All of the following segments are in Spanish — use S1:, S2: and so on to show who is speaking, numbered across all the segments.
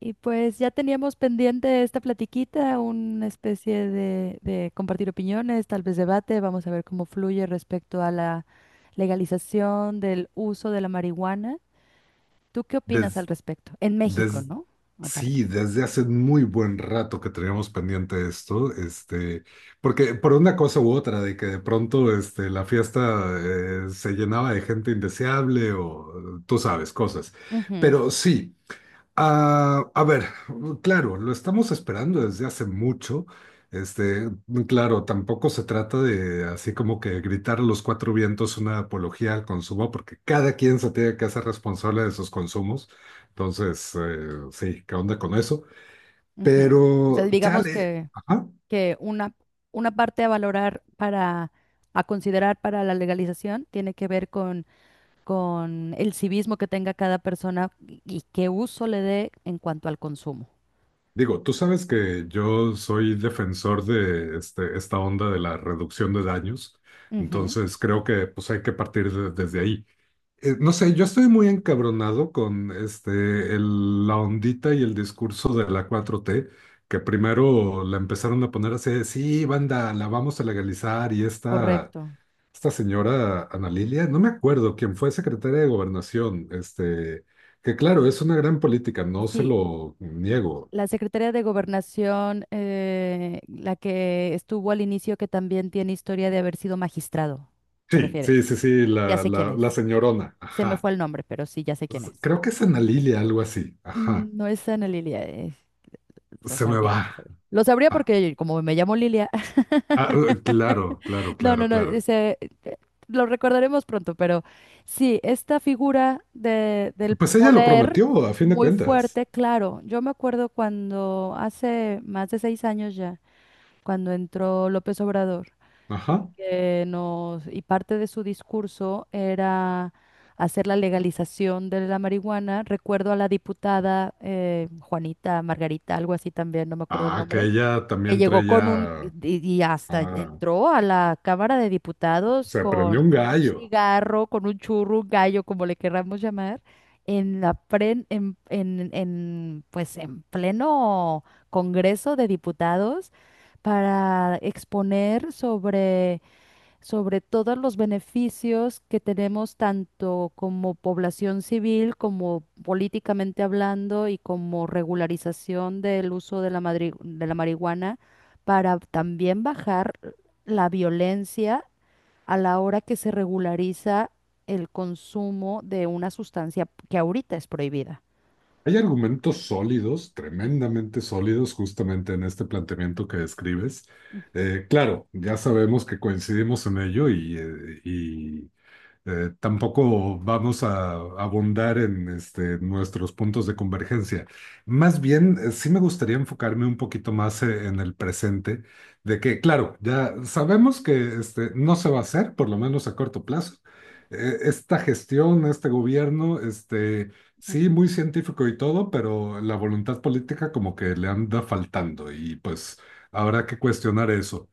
S1: Y pues ya teníamos pendiente esta platiquita, una especie de compartir opiniones, tal vez debate. Vamos a ver cómo fluye respecto a la legalización del uso de la marihuana. ¿Tú qué opinas al
S2: Des,
S1: respecto? En México,
S2: des-
S1: ¿no? Aparte.
S2: sí, desde hace muy buen rato que teníamos pendiente esto, porque por una cosa u otra, de que de pronto la fiesta se llenaba de gente indeseable o tú sabes, cosas.
S1: Ujú,
S2: Pero sí. Ah, a ver, claro, lo estamos esperando desde hace mucho. Este, claro, tampoco se trata de así como que gritar a los cuatro vientos una apología al consumo, porque cada quien se tiene que hacer responsable de sus consumos. Entonces, sí, ¿qué onda con eso?
S1: ujú. O sea,
S2: Pero,
S1: digamos
S2: chale,
S1: que,
S2: ajá.
S1: que una, una parte a valorar a considerar para la legalización tiene que ver con el civismo que tenga cada persona y qué uso le dé en cuanto al consumo.
S2: Digo, tú sabes que yo soy defensor de esta onda de la reducción de daños.
S1: Ujú.
S2: Entonces, creo que pues hay que partir desde ahí. No sé, yo estoy muy encabronado con la ondita y el discurso de la 4T, que primero la empezaron a poner así, de, sí, banda, la vamos a legalizar, y esta,
S1: Correcto.
S2: esta señora Ana Lilia, no me acuerdo quién fue secretaria de Gobernación, que claro, es una gran política, no se
S1: Sí,
S2: lo niego.
S1: la Secretaría de Gobernación, la que estuvo al inicio, que también tiene historia de haber sido magistrado, ¿te
S2: Sí,
S1: refieres?
S2: sí, sí, sí,
S1: Ya
S2: la,
S1: sé quién
S2: la, la
S1: es.
S2: señorona,
S1: Se me
S2: ajá.
S1: fue el nombre, pero sí, ya sé quién es.
S2: Creo que es Ana Lilia, algo así, ajá.
S1: Mm, no es Ana Lilia, lo
S2: Se me
S1: sabría,
S2: va.
S1: lo sabría. Lo sabría
S2: Ah,
S1: porque como me llamo Lilia,
S2: claro, claro,
S1: no, no,
S2: claro,
S1: no,
S2: claro.
S1: ese, eh, lo recordaremos pronto, pero sí, esta figura del
S2: Pues ella lo
S1: poder
S2: prometió, a fin de
S1: muy
S2: cuentas.
S1: fuerte, claro. Yo me acuerdo cuando hace más de 6 años ya, cuando entró López Obrador y
S2: Ajá.
S1: que nos, y parte de su discurso era hacer la legalización de la marihuana. Recuerdo a la diputada Juanita, Margarita, algo así también, no me acuerdo el
S2: Ah, que
S1: nombre,
S2: ella
S1: que
S2: también
S1: llegó con un,
S2: traía.
S1: y hasta
S2: Ah,
S1: entró a la Cámara de Diputados
S2: se
S1: con
S2: prendió un
S1: un
S2: gallo.
S1: cigarro, con un churro, un gallo, como le querramos llamar, en la pren- en, pues en pleno Congreso de Diputados para exponer sobre todos los beneficios que tenemos tanto como población civil, como políticamente hablando y como regularización del uso de la marihuana para también bajar la violencia a la hora que se regulariza el consumo de una sustancia que ahorita es prohibida.
S2: Hay argumentos sólidos, tremendamente sólidos, justamente en este planteamiento que describes. Claro, ya sabemos que coincidimos en ello y, tampoco vamos a abundar en nuestros puntos de convergencia. Más bien, sí me gustaría enfocarme un poquito más, en el presente, de que, claro, ya sabemos que no se va a hacer, por lo menos a corto plazo. Esta gestión, este gobierno,
S1: Mm.
S2: sí, muy científico y todo, pero la voluntad política como que le anda faltando y pues habrá que cuestionar eso.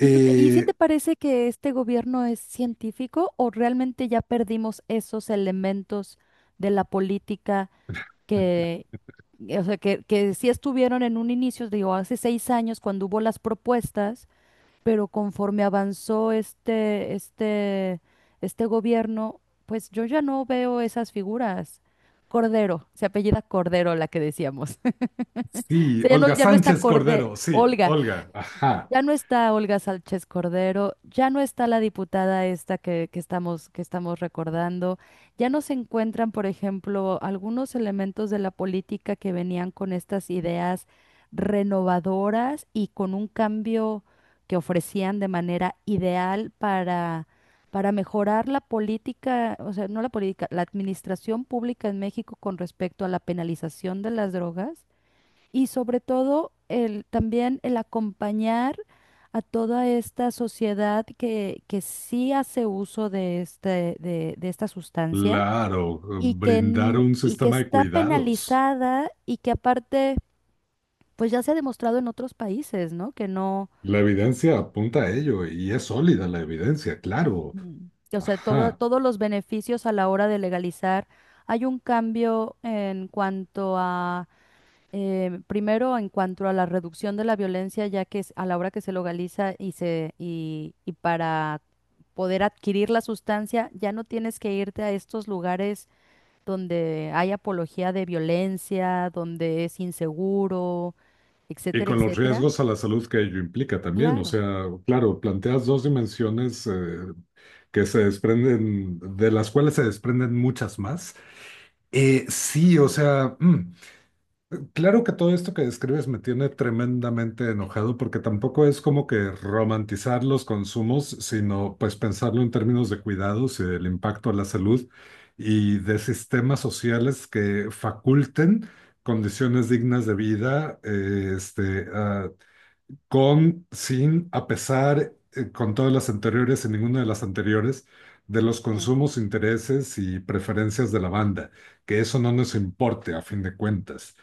S1: ¿Y Y si te parece que este gobierno es científico o realmente ya perdimos esos elementos de la política? Que, o sea, que sí estuvieron en un inicio, digo, hace 6 años cuando hubo las propuestas, pero conforme avanzó este gobierno, pues yo ya no veo esas figuras. Cordero, se apellida Cordero la que decíamos. O
S2: Sí,
S1: sea, ya no,
S2: Olga
S1: ya no está
S2: Sánchez
S1: Cordero,
S2: Cordero, sí,
S1: Olga,
S2: Olga, ajá,
S1: ya no está Olga Sánchez Cordero, ya no está la diputada esta que estamos recordando, ya no se encuentran, por ejemplo, algunos elementos de la política que venían con estas ideas renovadoras y con un cambio que ofrecían de manera ideal para mejorar la política. O sea, no la política, la administración pública en México con respecto a la penalización de las drogas y sobre todo el, también el acompañar a toda esta sociedad que sí hace uso de esta sustancia
S2: claro, brindar un
S1: y que
S2: sistema de
S1: está
S2: cuidados.
S1: penalizada y que aparte, pues ya se ha demostrado en otros países, ¿no? Que no.
S2: La evidencia apunta a ello y es sólida la evidencia, claro,
S1: Ujú. O sea,
S2: ajá.
S1: todos los beneficios a la hora de legalizar. Hay un cambio en cuanto a, primero, en cuanto a la reducción de la violencia, ya que a la hora que se legaliza y para poder adquirir la sustancia, ya no tienes que irte a estos lugares donde hay apología de violencia, donde es inseguro,
S2: Y
S1: etcétera,
S2: con los
S1: etcétera.
S2: riesgos a la salud que ello implica también, o
S1: Claro.
S2: sea, claro, planteas dos dimensiones, que se desprenden, de las cuales se desprenden muchas más. Sí, o sea, claro que todo esto que describes me tiene tremendamente enojado porque tampoco es como que romantizar los consumos, sino pues pensarlo en términos de cuidados y del impacto a la salud y de sistemas sociales que faculten condiciones dignas de vida, con, sin, a pesar, con todas las anteriores y ninguna de las anteriores, de los
S1: Mm,
S2: consumos, intereses y preferencias de la banda, que eso no nos importe a fin de cuentas.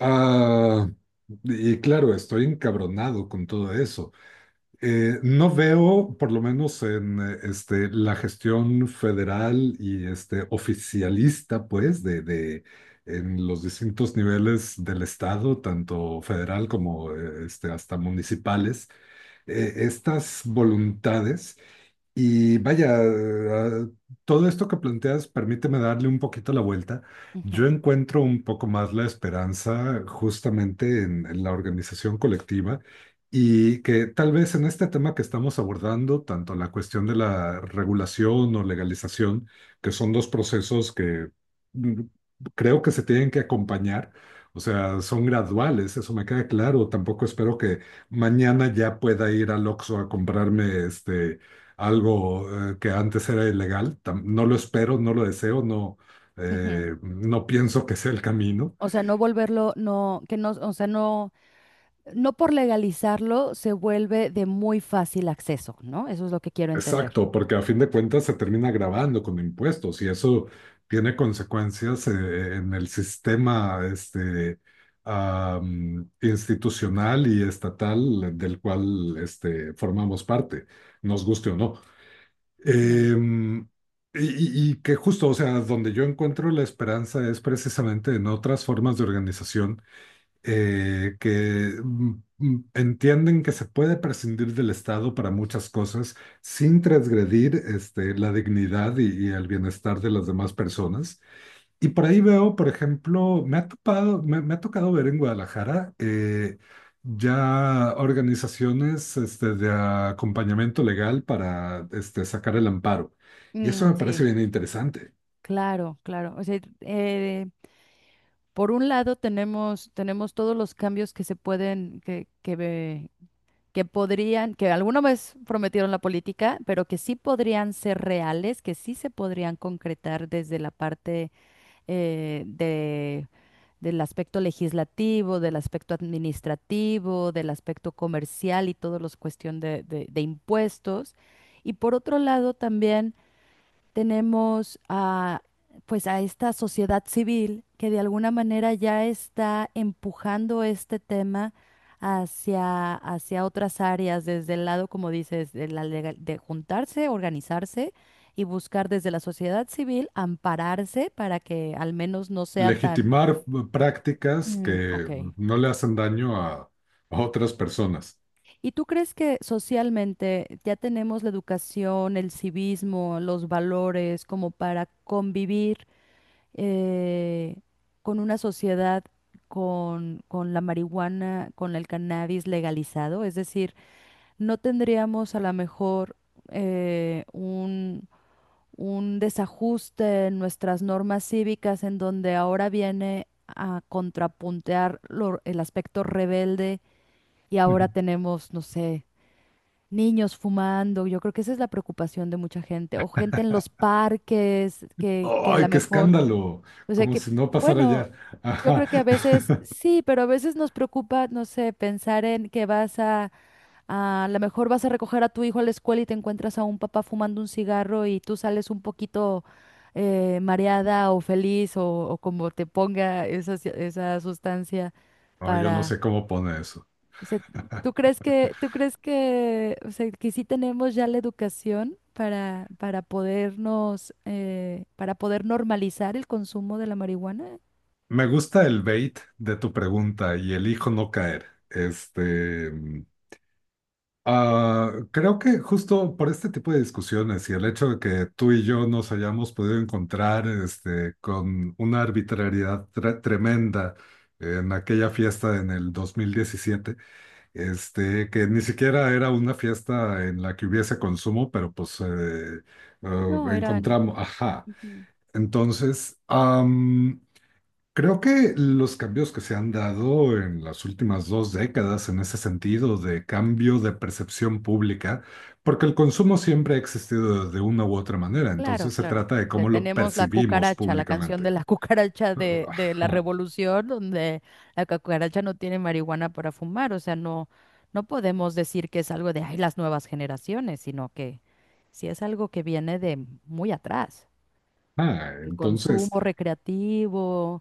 S2: Ah, y claro, estoy encabronado con todo eso. No veo, por lo menos en la gestión federal y oficialista, pues, en los distintos niveles del Estado, tanto federal como hasta municipales, estas voluntades y vaya, todo esto que planteas, permíteme darle un poquito la vuelta. Yo
S1: ujú,
S2: encuentro un poco más la esperanza justamente en la organización colectiva y que tal vez en este tema que estamos abordando, tanto la cuestión de la regulación o legalización, que son dos procesos que, mm, creo que se tienen que acompañar. O sea, son graduales, eso me queda claro. Tampoco espero que mañana ya pueda ir al Oxxo a comprarme algo, que antes era ilegal. No lo espero, no lo deseo, no,
S1: ujú.
S2: no pienso que sea el camino.
S1: O sea, no volverlo, no, que no, o sea, no, no por legalizarlo se vuelve de muy fácil acceso, ¿no? Eso es lo que quiero entender.
S2: Exacto, porque a fin de cuentas se termina grabando con impuestos y eso tiene consecuencias, en el sistema institucional y estatal del cual formamos parte, nos guste o no.
S1: Ujú.
S2: Em, y, y que justo, o sea, donde yo encuentro la esperanza es precisamente en otras formas de organización, que entienden que se puede prescindir del Estado para muchas cosas sin transgredir la dignidad y el bienestar de las demás personas. Y por ahí veo, por ejemplo, me ha topado, me ha tocado ver en Guadalajara, ya organizaciones, de acompañamiento legal para sacar el amparo. Y eso
S1: Mm,
S2: me parece
S1: sí.
S2: bien interesante.
S1: Claro, claro. O sea, por un lado tenemos todos los cambios que se pueden, que podrían, que alguna vez prometieron la política, pero que sí podrían ser reales, que sí se podrían concretar desde la parte, eh, de, del aspecto legislativo, del aspecto administrativo, del aspecto comercial y todos los cuestión de impuestos. Y por otro lado también tenemos pues a esta sociedad civil que de alguna manera ya está empujando este tema hacia otras áreas, desde el lado, como dices, de juntarse, organizarse y buscar desde la sociedad civil ampararse para que al menos no sea tan.
S2: Legitimar prácticas
S1: Mm, ok.
S2: que no le hacen daño a otras personas.
S1: ¿Y tú crees que socialmente ya tenemos la educación, el civismo, los valores como para convivir, eh, con una sociedad con la marihuana, con el cannabis legalizado? Es decir, no tendríamos a lo mejor, eh, un, un desajuste en nuestras normas cívicas en donde ahora viene a contrapuntear el aspecto rebelde y ahora
S2: Ujú.
S1: tenemos, no sé. Niños fumando, yo creo que esa es la preocupación de mucha gente, o gente en los parques que a lo
S2: ¡Ay, qué
S1: mejor,
S2: escándalo!
S1: o sea
S2: Como
S1: que,
S2: si no pasara
S1: bueno,
S2: ya.
S1: yo
S2: Ajá.
S1: creo que a veces sí, pero a veces nos preocupa, no sé, pensar en que vas a lo mejor vas a recoger a tu hijo a la escuela y te encuentras a un papá fumando un cigarro y tú sales un poquito, mareada o feliz o, como te ponga esa, esa sustancia
S2: No, yo no
S1: para.
S2: sé cómo pone eso.
S1: O sea, ¿tú crees que, o sea, que sí tenemos ya la educación para para poder normalizar el consumo de la marihuana?
S2: Me gusta el bait de tu pregunta y elijo no caer. Creo que justo por este tipo de discusiones y el hecho de que tú y yo nos hayamos podido encontrar, con una arbitrariedad tremenda en aquella fiesta en el 2017, que ni siquiera era una fiesta en la que hubiese consumo, pero pues
S1: No, eran.
S2: encontramos, ajá.
S1: Ujú.
S2: Entonces, creo que los cambios que se han dado en las últimas 2 décadas en ese sentido de cambio de percepción pública, porque el consumo siempre ha existido de una u otra manera,
S1: Claro,
S2: entonces se
S1: claro.
S2: trata
S1: O
S2: de
S1: sea,
S2: cómo lo
S1: tenemos la
S2: percibimos
S1: cucaracha, la canción de
S2: públicamente.
S1: la cucaracha de
S2: Ajá.
S1: la
S2: Ah,
S1: revolución, donde la cucaracha no tiene marihuana para fumar. O sea, no, no podemos decir que es algo de, ay, las nuevas generaciones, sino que sí es algo que viene de muy atrás. El
S2: entonces,
S1: consumo recreativo.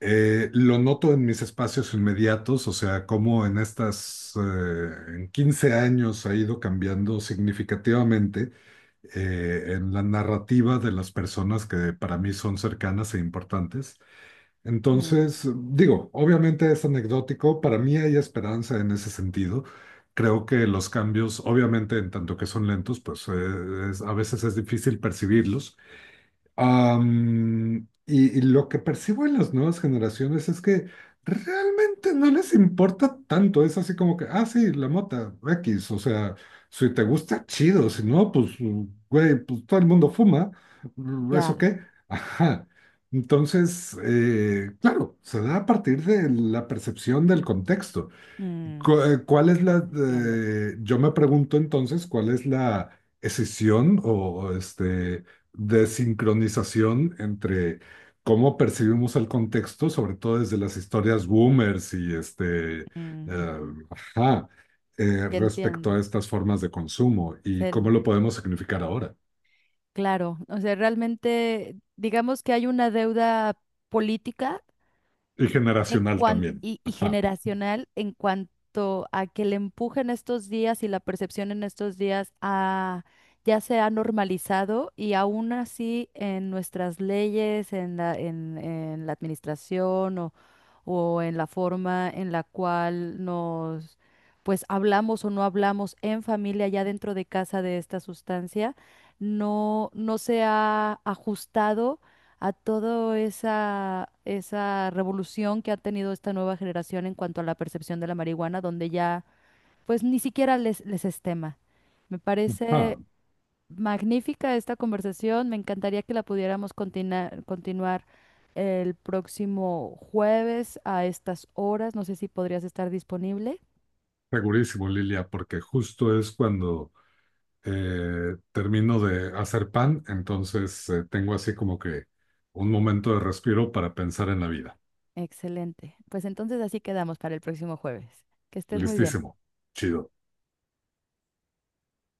S2: Lo noto en mis espacios inmediatos, o sea, cómo en estas, en 15 años ha ido cambiando significativamente, en la narrativa de las personas que para mí son cercanas e importantes.
S1: Mm,
S2: Entonces, digo, obviamente es anecdótico, para mí hay esperanza en ese sentido. Creo que los cambios, obviamente, en tanto que son lentos, pues a veces es difícil percibirlos. Y lo que percibo en las nuevas generaciones es que realmente no les importa tanto. Es así como que, ah, sí, la mota, X. O sea, si te gusta, chido. Si no, pues, güey, pues todo el mundo fuma. ¿Eso
S1: ya,
S2: qué? Ajá. Entonces, claro, se da a partir de la percepción del contexto.
S1: mm,
S2: ¿Cuál es la,
S1: entiendo.
S2: yo me pregunto entonces, cuál es la escisión o desincronización entre cómo percibimos el contexto, sobre todo desde las historias boomers y
S1: Mm, ujú,
S2: ajá,
S1: ya
S2: respecto
S1: entiendo.
S2: a estas formas de consumo y cómo lo podemos significar ahora
S1: Claro, o sea, realmente digamos que hay una deuda política
S2: y generacional también?
S1: y
S2: Ajá,
S1: generacional en cuanto a que el empuje en estos días y la percepción en estos días ya se ha normalizado y aún así en nuestras leyes, en la administración o en la forma en la cual nos pues hablamos o no hablamos en familia, ya dentro de casa de esta sustancia, no, no se ha ajustado a toda esa revolución que ha tenido esta nueva generación en cuanto a la percepción de la marihuana, donde ya pues ni siquiera les es tema. Me
S2: ajá,
S1: parece magnífica esta conversación, me encantaría que la pudiéramos continuar el próximo jueves a estas horas, no sé si podrías estar disponible.
S2: segurísimo, Lilia, porque justo es cuando termino de hacer pan, entonces tengo así como que un momento de respiro para pensar en la vida.
S1: Excelente. Pues entonces así quedamos para el próximo jueves. Que estés muy bien.
S2: Listísimo. Chido.